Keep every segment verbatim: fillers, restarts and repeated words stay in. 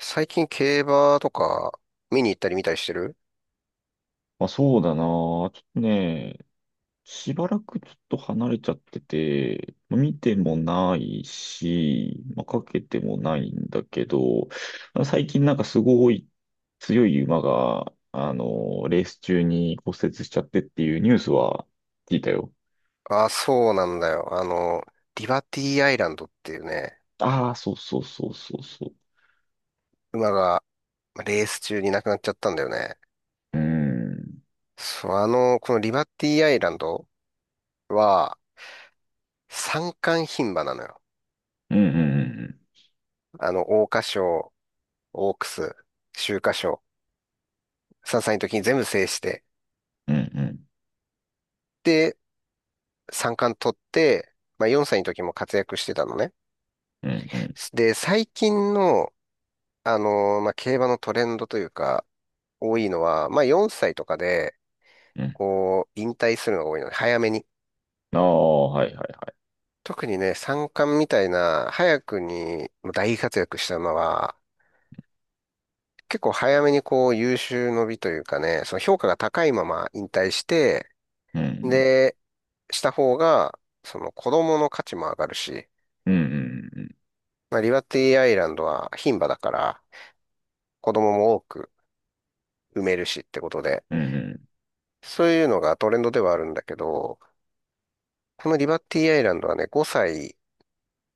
最近競馬とか見に行ったり見たりしてる。まあそうだな。ちょっとね、しばらくちょっと離れちゃってて、まあ見てもないし、まあ、かけてもないんだけど、まあ最近なんかすごい強い馬が、あの、レース中に骨折しちゃってっていうニュースは聞いたよ。ああ、そうなんだよ。あの、リバティアイランドっていうね、ああ、そうそうそうそうそう。馬が、まあレース中に亡くなっちゃったんだよね。うーん。そう、あの、このリバティアイランドは三冠牝馬なのよ。うんうんあの、桜花賞、オークス、秋華賞、さんさいの時に全部制して、うんで、三冠取って、まあ、よんさいの時も活躍してたのね。うん。うんうんで、最近の、あの、まあ、競馬のトレンドというか、多いのは、まあよんさいとかで、うんうんうん。こう、引退するのが多いので、早めに。ああ、はいはい。特にね、三冠みたいな、早くに大活躍した馬は、結構早めにこう、優秀の美というかね、その評価が高いまま引退して、うんで、した方が、その子供の価値も上がるし、うんうんまあ、リバティアイランドは牝馬だから、子供も多く産めるしってことで、うんうんそういうのがトレンドではあるんだけど、このリバティアイランドはね、ごさい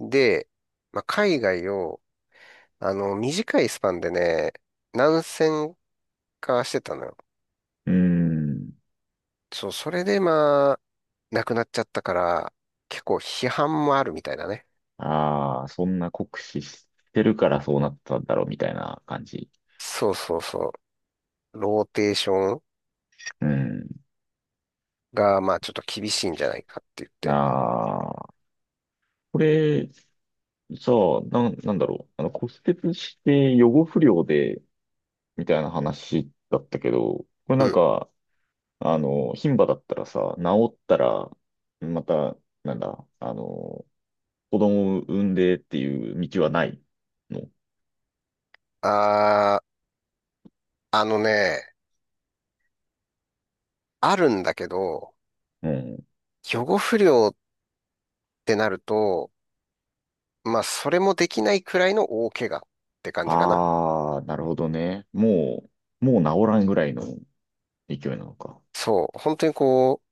で、まあ、海外を、あの、短いスパンでね、何千かしてたのよ。うんうんうん。そう、それでまあ、亡くなっちゃったから、結構批判もあるみたいなね。ああ、そんな酷使してるからそうなったんだろうみたいな感じ。そうそうそう。ローテーションうん。が、まあ、ちょっと厳しいんじゃないかって言って。ああ、これ、さあ、なん、なんだろう。あの、骨折して予後不良で、みたいな話だったけど、これうなんん。か、あの、牝馬だったらさ、治ったら、また、なんだ、あの、子供を産んでっていう道はないの。あー、あのね、あるんだけど、うん。予後不良ってなると、まあ、それもできないくらいの大怪我って感じかな。ああ、なるほどね。もう、もう治らんぐらいの勢いなのか。そう。本当にこ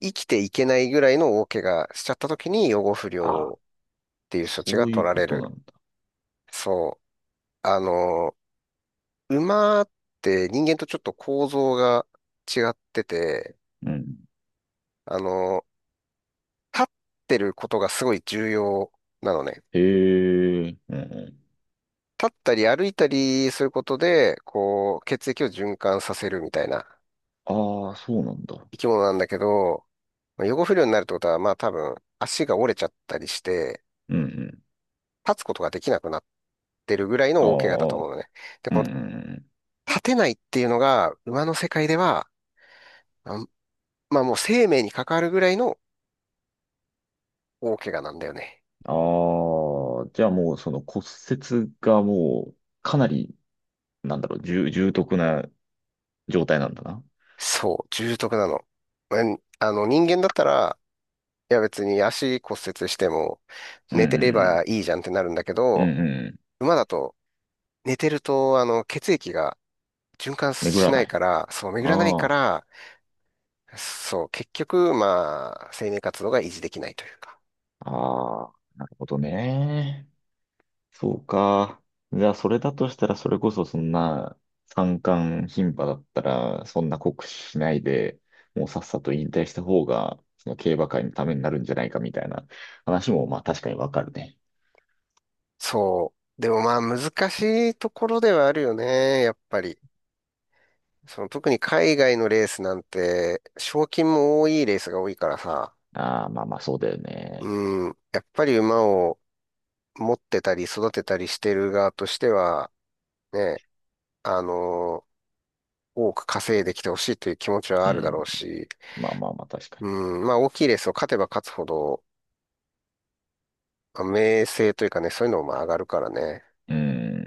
生きていけないぐらいの大怪我しちゃった時に養護不あ良あ。っていう処置そがうい取うらこれとなんる。だ。そう。あの、馬って人間とちょっと構造が違ってて、うん。あの、立ってることがすごい重要なのね。へえ、うんう立ったり歩いたりすることで、こう、血液を循環させるみたいなん。ああ、そうなんだ。生き物なんだけど、まあ養護不良になるってことは、まあ多分足が折れちゃったりして、うんうん。立つことができなくなってるぐらいあの大怪我だと思あ、うのね。で、うんうこのん立てないっていうのが、馬の世界では、あまあもう生命に関わるぐらいの大怪我なんだよね。うん。ああ、じゃあもうその骨折がもうかなり、なんだろう、重、重篤な状態なんだな。そう、重篤なの。うん、あの、人間だったら、いや別に足骨折しても、うんう寝てればんいいじゃんってなるんだけうん。ど、うんうん。馬だと、寝てると、あの、血液が循環巡しらなないい。から、そう、巡らないあかあ、ら、そう、結局、まあ、生命活動が維持できないというか。ああ、なるほどね。そうか。じゃあ、それだとしたら、それこそそんな三冠牝馬だったら、そんな酷使しないで、もうさっさと引退した方が、その競馬界のためになるんじゃないかみたいな話も、まあ確かにわかるね。そう。でもまあ難しいところではあるよね、やっぱり。その特に海外のレースなんて、賞金も多いレースが多いからさ、ああ、まあまあそうだよね。うん、やっぱり馬を持ってたり育てたりしてる側としては、ね、あの多く稼いできてほしいという気持ちはうあるだん。ろうし、まあまあまあ確かうん、まあ大きいレースを勝てば勝つほど、まあ名声というかね、そういうのもまあ上がるからね。に。うん。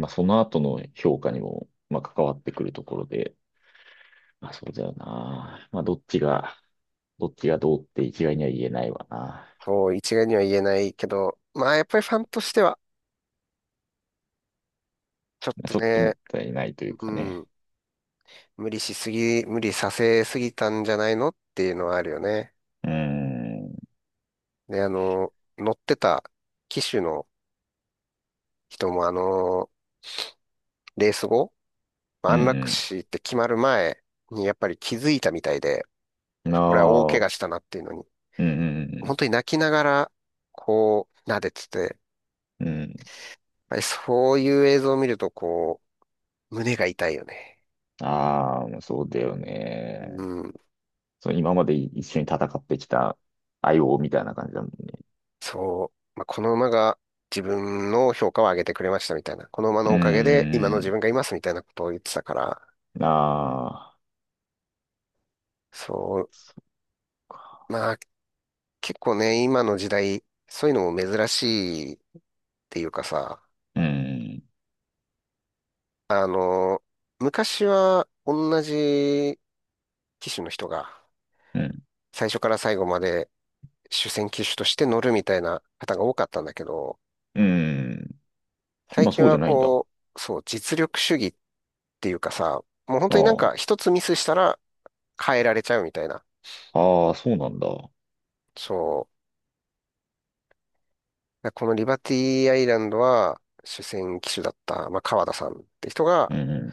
まあその後の評価にも、まあ関わってくるところで、まあそうだよな。まあどっちが、どっちがどうって一概には言えないわな。そう、一概には言えないけど、まあやっぱりファンとしては、ちょっまあとちょっともね、ったいないといううかね。ん、無理しすぎ、無理させすぎたんじゃないのっていうのはあるよね。うーん。で、あの、乗ってた騎手の人も、あの、レース後、う安楽ん。死って決まる前にやっぱり気づいたみたいで、うん。これは大怪ああ。我したなっていうのに、うん。う本ん。当に泣きながら、こう、撫でてて、やっうん。うんぱりそういう映像を見ると、こう、胸が痛いよね。ああ、そうだようね。ん、そう、今まで一緒に戦ってきた相棒みたいな感じだもんね。そう。まあ、この馬が自分の評価を上げてくれましたみたいな。この馬うのおかげでん。今の自分がいますみたいなことを言ってたから、うんあそう、あ。まあ結構ね、今の時代、そういうのも珍しいっていうかさ、うん。あの、昔は同じ機種の人がうん。最初から最後まで主戦機種として乗るみたいな方が多かったんだけど、うん。最今近そうじはゃないんだ。あこう、そう、実力主義っていうかさ、もう本あ。当になんか一つミスしたら変えられちゃうみたいな。ああ、そうなんだ。そう。このリバティアイランドは主戦機種だった、まあ、川田さんって人うが、ん。うん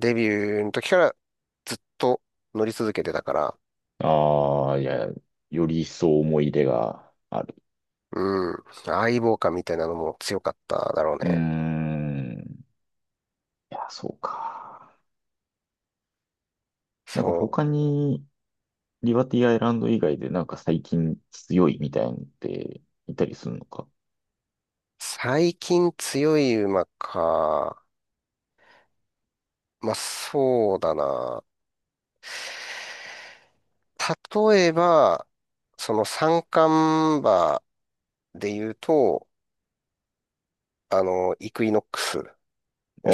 デビューの時からずっと乗り続けてたから、ああ、いや、より一層思い入れがある。うん、相棒感みたいなのも強かっただろううーね。ん。いや、そうか。なんかそう。他に、リバティアイランド以外でなんか最近強いみたいなのっていたりするのか。最近強い馬か。まあ、そうだな。例えば、その三冠馬で言うと、あの、イクイノックス。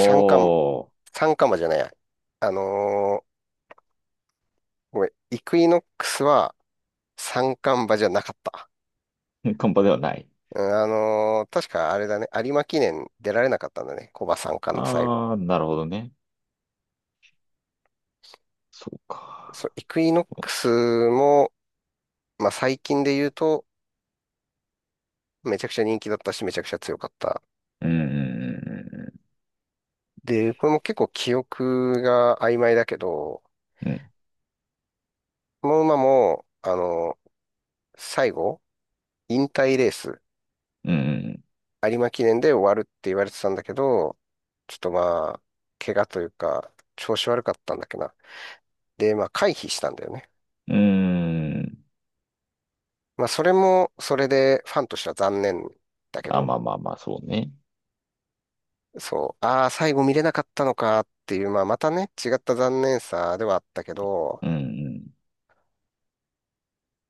三冠、三冠馬じゃないや。あのーごめん、イクイノックスは三冠馬じゃなかった。あ、カンパではない。うん、あのー確かあれだね、有馬記念出られなかったんだね、コバ三冠の最後。ああ、なるほどね。そうそう、か。イクイノックスも、まあ、最近で言うと、めちゃくちゃ人気だったし、めちゃくちゃ強かった。うーん、で、これも結構記憶が曖昧だけど、うん、この馬も、あの最後、引退レース、うん、有馬記念で終わるって言われてたんだけど、ちょっとまあ、怪我というか、調子悪かったんだっけな。で、まあ、回避したんだよね。うん。うーんまあ、それも、それでファンとしては残念だけあ、ど、まあまあまあ、そうね。そう、ああ、最後見れなかったのかっていう、まあ、またね、違った残念さではあったけど、うん、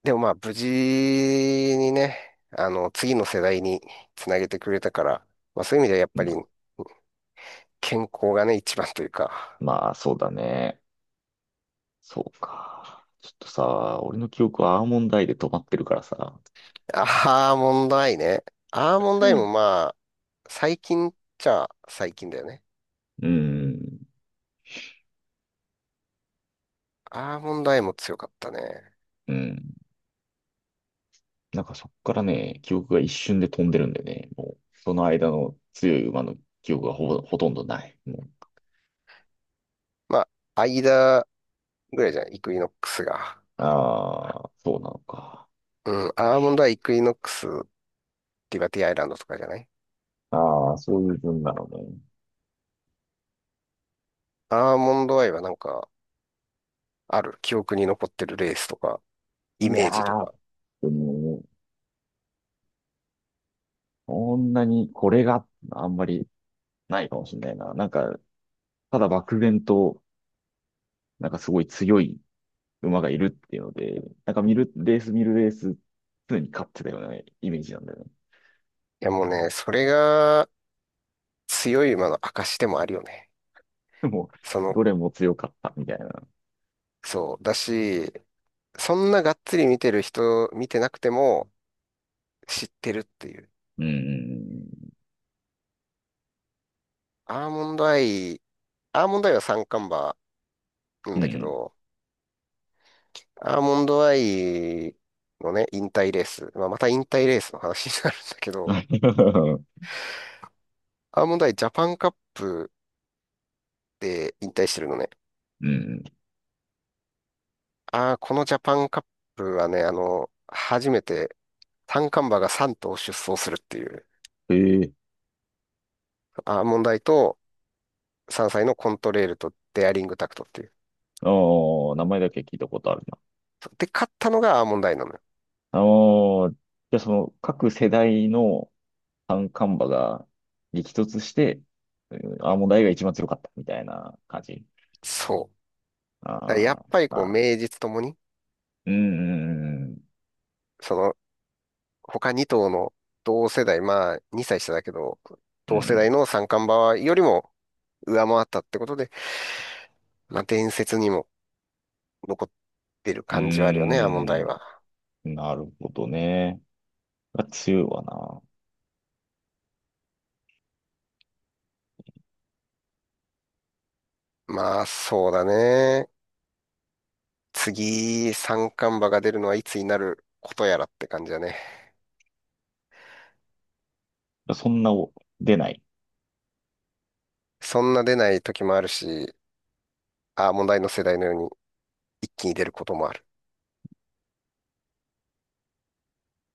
でもまあ、無事にね、あの、次の世代につなげてくれたから、まあ、そういう意味ではやっうぱん。りま、健康がね、一番というか、まあ、そうだね。そうか。ちょっとさ、俺の記憶はアーモンドアイで止まってるからさ。アーモンドアイね。アーモンドアイもまあ、最近っちゃ最近だよね。うん、アーモンドアイも強かったね。うん。なんかそっからね、記憶が一瞬で飛んでるんでね、もう、その間の強い馬の記憶がほぼ、ほとんどない。もう、まあ、間ぐらいじゃん、イクイノックスが。ああ、そうなのか。うん、アーモンドアイ、イクイノックス、リバティアイランドとかじゃない。ああ、そういう分なのね。アーモンドアイはなんか、ある記憶に残ってるレースとか、イいやメージとー、か。でも、そんなにこれがあんまりないかもしれないな。なんか、ただ漠然と、なんかすごい強い馬がいるっていうので、なんか見る、レース見るレース、常に勝ってたようなイメージなんだよね。いやもうね、それが強い馬の証でもあるよね。でも、その、どれも強かったみたいな。そう。だし、そんながっつり見てる人、見てなくても知ってるっていう。うん、うアーモンドアイ、アーモンドアイは三冠馬なんん、うだけん。ど、アーモンドアイのね、引退レース。まあ、また引退レースの話になるんだけど、アーモンドアイジャパンカップで引退してるのね。うん。ああ、このジャパンカップはね、あの、初めて三冠馬がさん頭出走するっていう、ええアーモンダイとさんさいのコントレールとデアリングタクトっていう。あ名前だけ聞いたことあるな。で、勝ったのがアーモンダイなのよ。あのーじゃあその各世代の三冠馬が激突して、うんアーモンドアイが一番強かったみたいな感じ。そう。あだからやっあ、ぱりまこう、あ、名実ともに、うん、うん、その、他に頭の同世代、まあ、にさい下だけど、う同世ん、代の三冠馬よりも上回ったってことで、まあ、伝説にも残ってるう感じはあるよね、ん、アーモンダイは。うんなるほどね。が強いわまあ、そうだね。次、三冠馬が出るのはいつになることやらって感じだね。な。そんなお出ない。そんな出ない時もあるし、ああ、問題の世代のように一気に出ることもある。